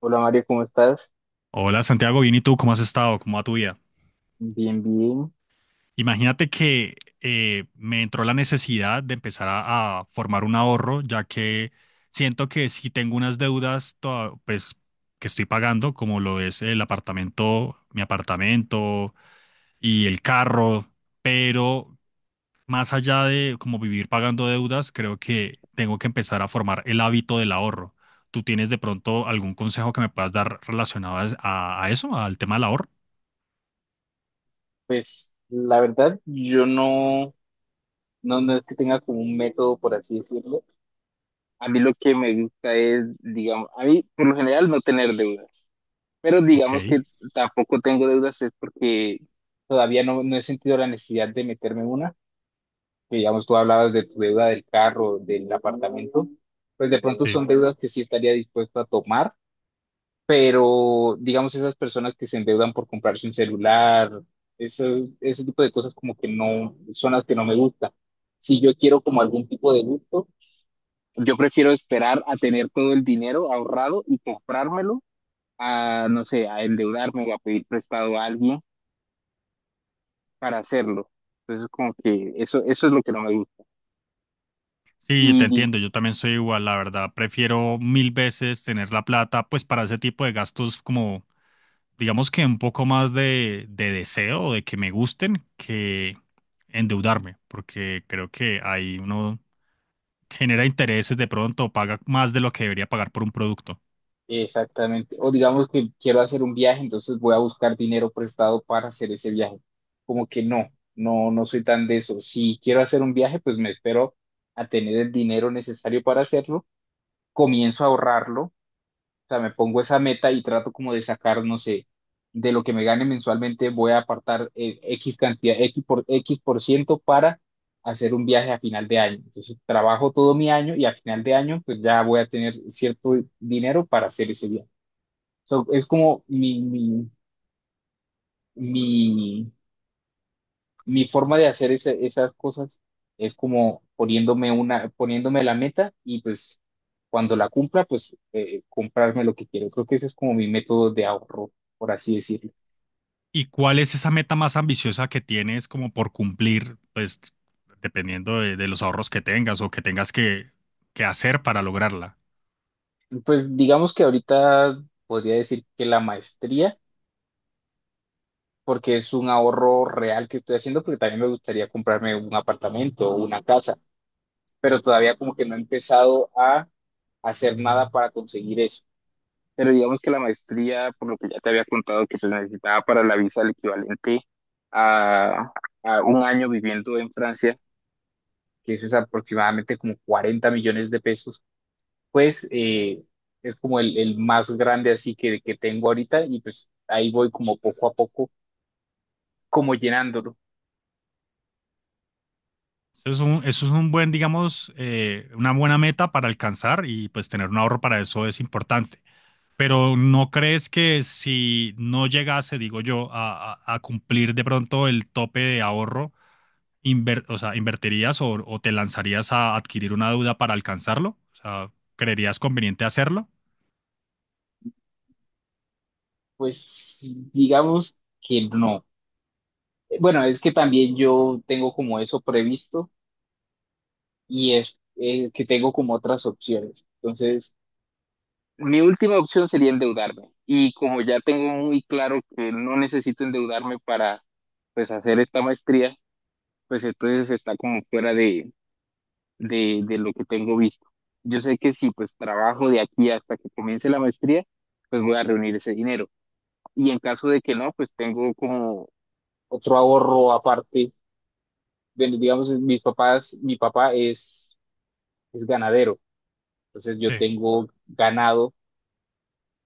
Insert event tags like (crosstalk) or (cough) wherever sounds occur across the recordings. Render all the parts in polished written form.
Hola Mario, ¿cómo estás? Hola Santiago, bien y tú, ¿cómo has estado? ¿Cómo va tu vida? Bien, bien. Imagínate que me entró la necesidad de empezar a formar un ahorro, ya que siento que si tengo unas deudas pues, que estoy pagando, como lo es el apartamento, mi apartamento y el carro, pero más allá de como vivir pagando deudas, creo que tengo que empezar a formar el hábito del ahorro. ¿Tú tienes de pronto algún consejo que me puedas dar relacionado a eso, al tema del ahorro? Pues la verdad, yo no, no es que tenga como un método, por así decirlo. A mí lo que me gusta es, digamos, a mí por lo general no tener deudas, pero digamos Ok. que tampoco tengo deudas es porque todavía no he sentido la necesidad de meterme en una. Digamos, tú hablabas de tu deuda del carro, del apartamento, pues de pronto Sí, son deudas que sí estaría dispuesto a tomar, pero digamos esas personas que se endeudan por comprarse un celular, eso, ese tipo de cosas como que no son las que no me gustan. Si yo quiero como algún tipo de gusto, yo prefiero esperar a tener todo el dinero ahorrado y comprármelo, a no sé, a endeudarme o a pedir prestado a alguien para hacerlo. Entonces como que eso es lo que no me gusta. sí, te Y entiendo, yo también soy igual, la verdad, prefiero mil veces tener la plata pues para ese tipo de gastos como, digamos que un poco más de deseo, de que me gusten, que endeudarme, porque creo que ahí uno genera intereses de pronto, o paga más de lo que debería pagar por un producto. Exactamente. O digamos que quiero hacer un viaje, entonces voy a buscar dinero prestado para hacer ese viaje. Como que no soy tan de eso. Si quiero hacer un viaje, pues me espero a tener el dinero necesario para hacerlo, comienzo a ahorrarlo, o sea, me pongo esa meta y trato como de sacar, no sé, de lo que me gane mensualmente, voy a apartar X cantidad, X por ciento para hacer un viaje a final de año. Entonces trabajo todo mi año y a final de año, pues ya voy a tener cierto dinero para hacer ese viaje. So, es como mi, mi forma de hacer esas cosas es como poniéndome una, poniéndome la meta y pues cuando la cumpla, pues comprarme lo que quiero. Creo que ese es como mi método de ahorro, por así decirlo. ¿Y cuál es esa meta más ambiciosa que tienes como por cumplir, pues dependiendo de los ahorros que tengas o que tengas que hacer para lograrla? Pues digamos que ahorita podría decir que la maestría, porque es un ahorro real que estoy haciendo, porque también me gustaría comprarme un apartamento o una casa, pero todavía como que no he empezado a hacer nada para conseguir eso. Pero digamos que la maestría, por lo que ya te había contado, que se necesitaba para la visa el equivalente a, a un año viviendo en Francia, que eso es aproximadamente como 40 millones de pesos, pues es como el más grande así que tengo ahorita y pues ahí voy como poco a poco, como llenándolo. Eso es un buen, digamos, una buena meta para alcanzar y pues tener un ahorro para eso es importante. Pero ¿no crees que si no llegase, digo yo, a cumplir de pronto el tope de ahorro, o sea, ¿invertirías o te lanzarías a adquirir una deuda para alcanzarlo? O sea, ¿creerías conveniente hacerlo? Pues sí, digamos que no. Bueno, es que también yo tengo como eso previsto y es que tengo como otras opciones. Entonces... Mi última opción sería endeudarme. Y como ya tengo muy claro que no necesito endeudarme para, pues, hacer esta maestría, pues entonces está como fuera de, de lo que tengo visto. Yo sé que si pues trabajo de aquí hasta que comience la maestría, pues voy a reunir ese dinero. Y en caso de que no, pues tengo como otro ahorro aparte. Bueno, digamos, mis papás, mi papá es ganadero, entonces yo Sí, tengo ganado.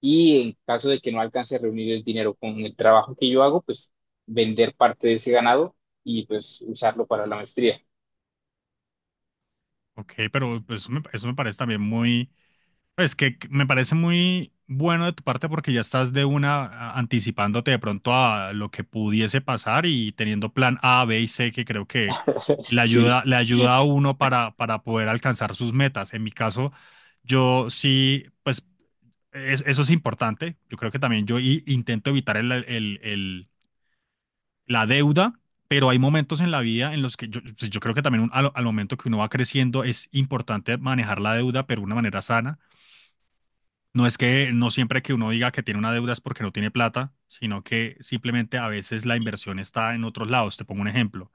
Y en caso de que no alcance a reunir el dinero con el trabajo que yo hago, pues vender parte de ese ganado y pues usarlo para la maestría. ok, pero pues, eso me parece también muy... Es que me parece muy bueno de tu parte porque ya estás de una anticipándote de pronto a lo que pudiese pasar y teniendo plan A, B y C que creo que (laughs) Sí, le ayuda a uno para poder alcanzar sus metas. En mi caso, yo sí, pues eso es importante. Yo creo que también yo intento evitar la deuda. Pero hay momentos en la vida en los que yo, pues yo creo que también al, al momento que uno va creciendo es importante manejar la deuda, pero de una manera sana, no es que no siempre que uno diga que tiene una deuda es porque no tiene plata, sino que simplemente a veces la inversión está en otros lados. Te pongo un ejemplo.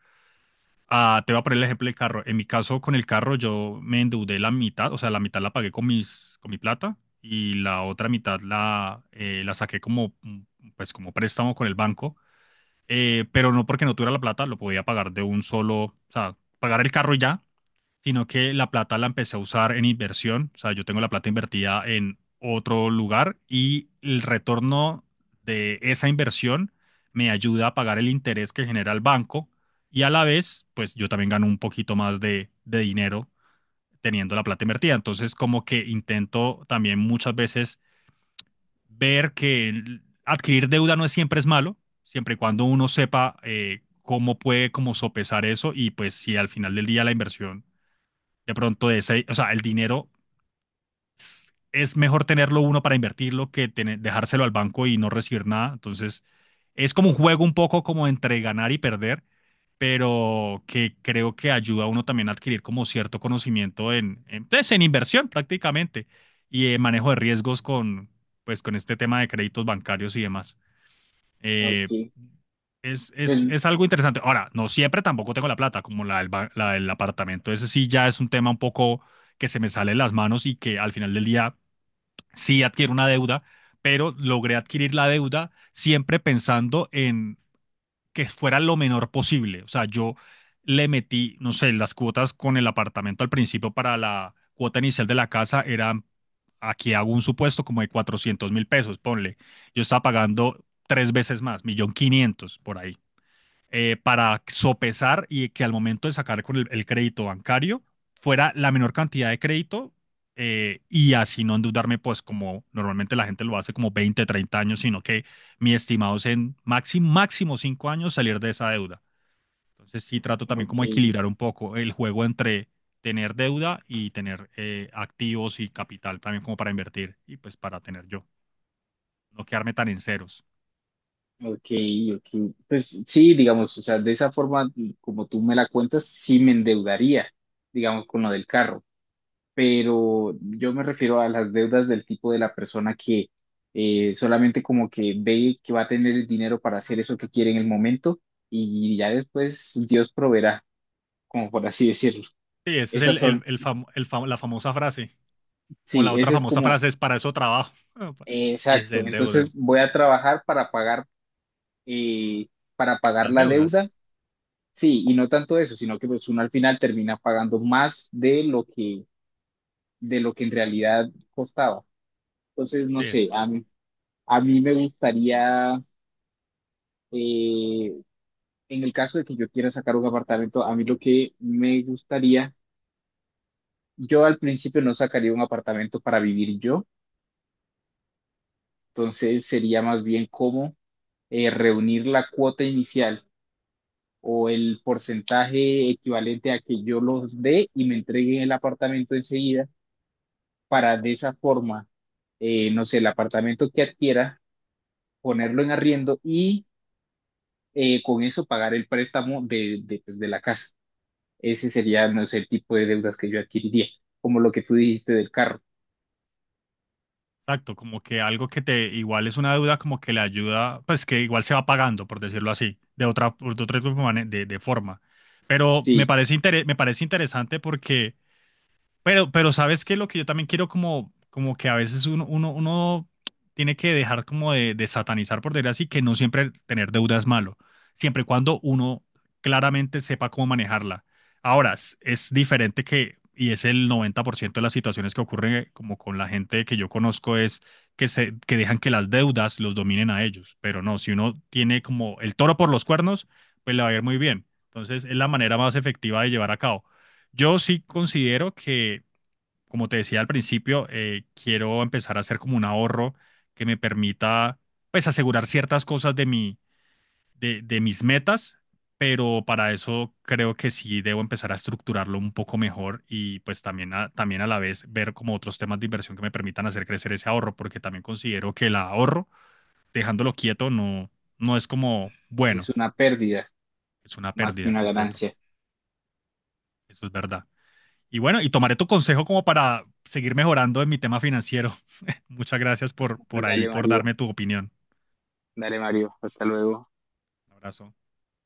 Ah, te voy a poner el ejemplo del carro. En mi caso, con el carro, yo me endeudé la mitad, o sea, la mitad la pagué con mis, con mi plata y la otra mitad la saqué como, pues, como préstamo con el banco. Pero no porque no tuviera la plata, lo podía pagar de un solo, o sea, pagar el carro y ya, sino que la plata la empecé a usar en inversión. O sea, yo tengo la plata invertida en otro lugar y el retorno de esa inversión me ayuda a pagar el interés que genera el banco, y a la vez, pues yo también gano un poquito más de dinero teniendo la plata invertida. Entonces, como que intento también muchas veces ver que adquirir deuda no es siempre es malo, siempre y cuando uno sepa cómo puede como sopesar eso, y pues si al final del día la inversión de pronto ese, o sea, el dinero es mejor tenerlo uno para invertirlo que dejárselo al banco y no recibir nada. Entonces, es como un juego un poco como entre ganar y perder, pero que creo que ayuda a uno también a adquirir como cierto conocimiento pues, en inversión prácticamente, y en manejo de riesgos con, pues, con este tema de créditos bancarios y demás. Eh, ok. es, Pues, es algo interesante. Ahora, no siempre tampoco tengo la plata, como la la del apartamento. Ese sí ya es un tema un poco que se me sale de las manos y que al final del día sí adquiero una deuda, pero logré adquirir la deuda siempre pensando en que fuera lo menor posible. O sea, yo le metí, no sé, las cuotas con el apartamento al principio para la cuota inicial de la casa eran, aquí hago un supuesto como de 400.000 pesos, ponle. Yo estaba pagando tres veces más, 1.500.000 por ahí, para sopesar y que al momento de sacar con el crédito bancario fuera la menor cantidad de crédito, y así no endeudarme, pues como normalmente la gente lo hace como 20 o 30 años, sino que mi estimado es en máximo, máximo 5 años salir de esa deuda. Entonces sí trato también como ok, equilibrar un poco el juego entre tener deuda y tener activos y capital también como para invertir y pues para tener yo, no quedarme tan en ceros. ok, ok. Pues sí, digamos, o sea, de esa forma, como tú me la cuentas, sí me endeudaría, digamos, con lo del carro. Pero yo me refiero a las deudas del tipo de la persona que solamente como que ve que va a tener el dinero para hacer eso que quiere en el momento y ya después Dios proveerá, como por así decirlo. Sí, esa es Esas son, la famosa frase. O sí, la otra ese es famosa como, frase es para eso trabajo. (laughs) Y se exacto. Entonces endeudan. voy a trabajar eh, para pagar Las la deudas. deuda, sí, y no tanto eso, sino que pues uno al final termina pagando más de lo que en realidad costaba. Entonces, no Sí, sé, es. A mí me gustaría Eh, en el caso de que yo quiera sacar un apartamento, a mí lo que me gustaría, yo al principio no sacaría un apartamento para vivir yo, entonces sería más bien como reunir la cuota inicial o el porcentaje equivalente a que yo los dé y me entreguen el apartamento enseguida para de esa forma, no sé, el apartamento que adquiera, ponerlo en arriendo y con eso pagar el préstamo de, pues, de la casa. Ese sería, no sé, el tipo de deudas que yo adquiriría, como lo que tú dijiste del carro. Exacto. Como que algo que te igual es una deuda, como que le ayuda, pues que igual se va pagando, por decirlo así, de otra de forma. Pero me Sí, parece, me parece interesante, porque pero ¿sabes qué? Lo que yo también quiero como, como que a veces uno tiene que dejar como de satanizar, por decir así, que no siempre tener deuda es malo, siempre y cuando uno claramente sepa cómo manejarla. Ahora, es diferente que, y es el 90% de las situaciones que ocurren como con la gente que yo conozco, es que dejan que las deudas los dominen a ellos. Pero no, si uno tiene como el toro por los cuernos, pues le va a ir muy bien. Entonces, es la manera más efectiva de llevar a cabo. Yo sí considero que como te decía al principio, quiero empezar a hacer como un ahorro que me permita, pues, asegurar ciertas cosas de mi, de mis metas, pero para eso creo que sí debo empezar a estructurarlo un poco mejor, y pues también a, también a la vez ver como otros temas de inversión que me permitan hacer crecer ese ahorro, porque también considero que el ahorro, dejándolo quieto, no, no es como, es bueno, una pérdida es una más que pérdida una completo. ganancia. Eso es verdad. Y bueno, y tomaré tu consejo como para seguir mejorando en mi tema financiero. (laughs) Muchas gracias por ahí, Dale, por Mario, darme tu opinión. dale, Mario, hasta luego. Un abrazo.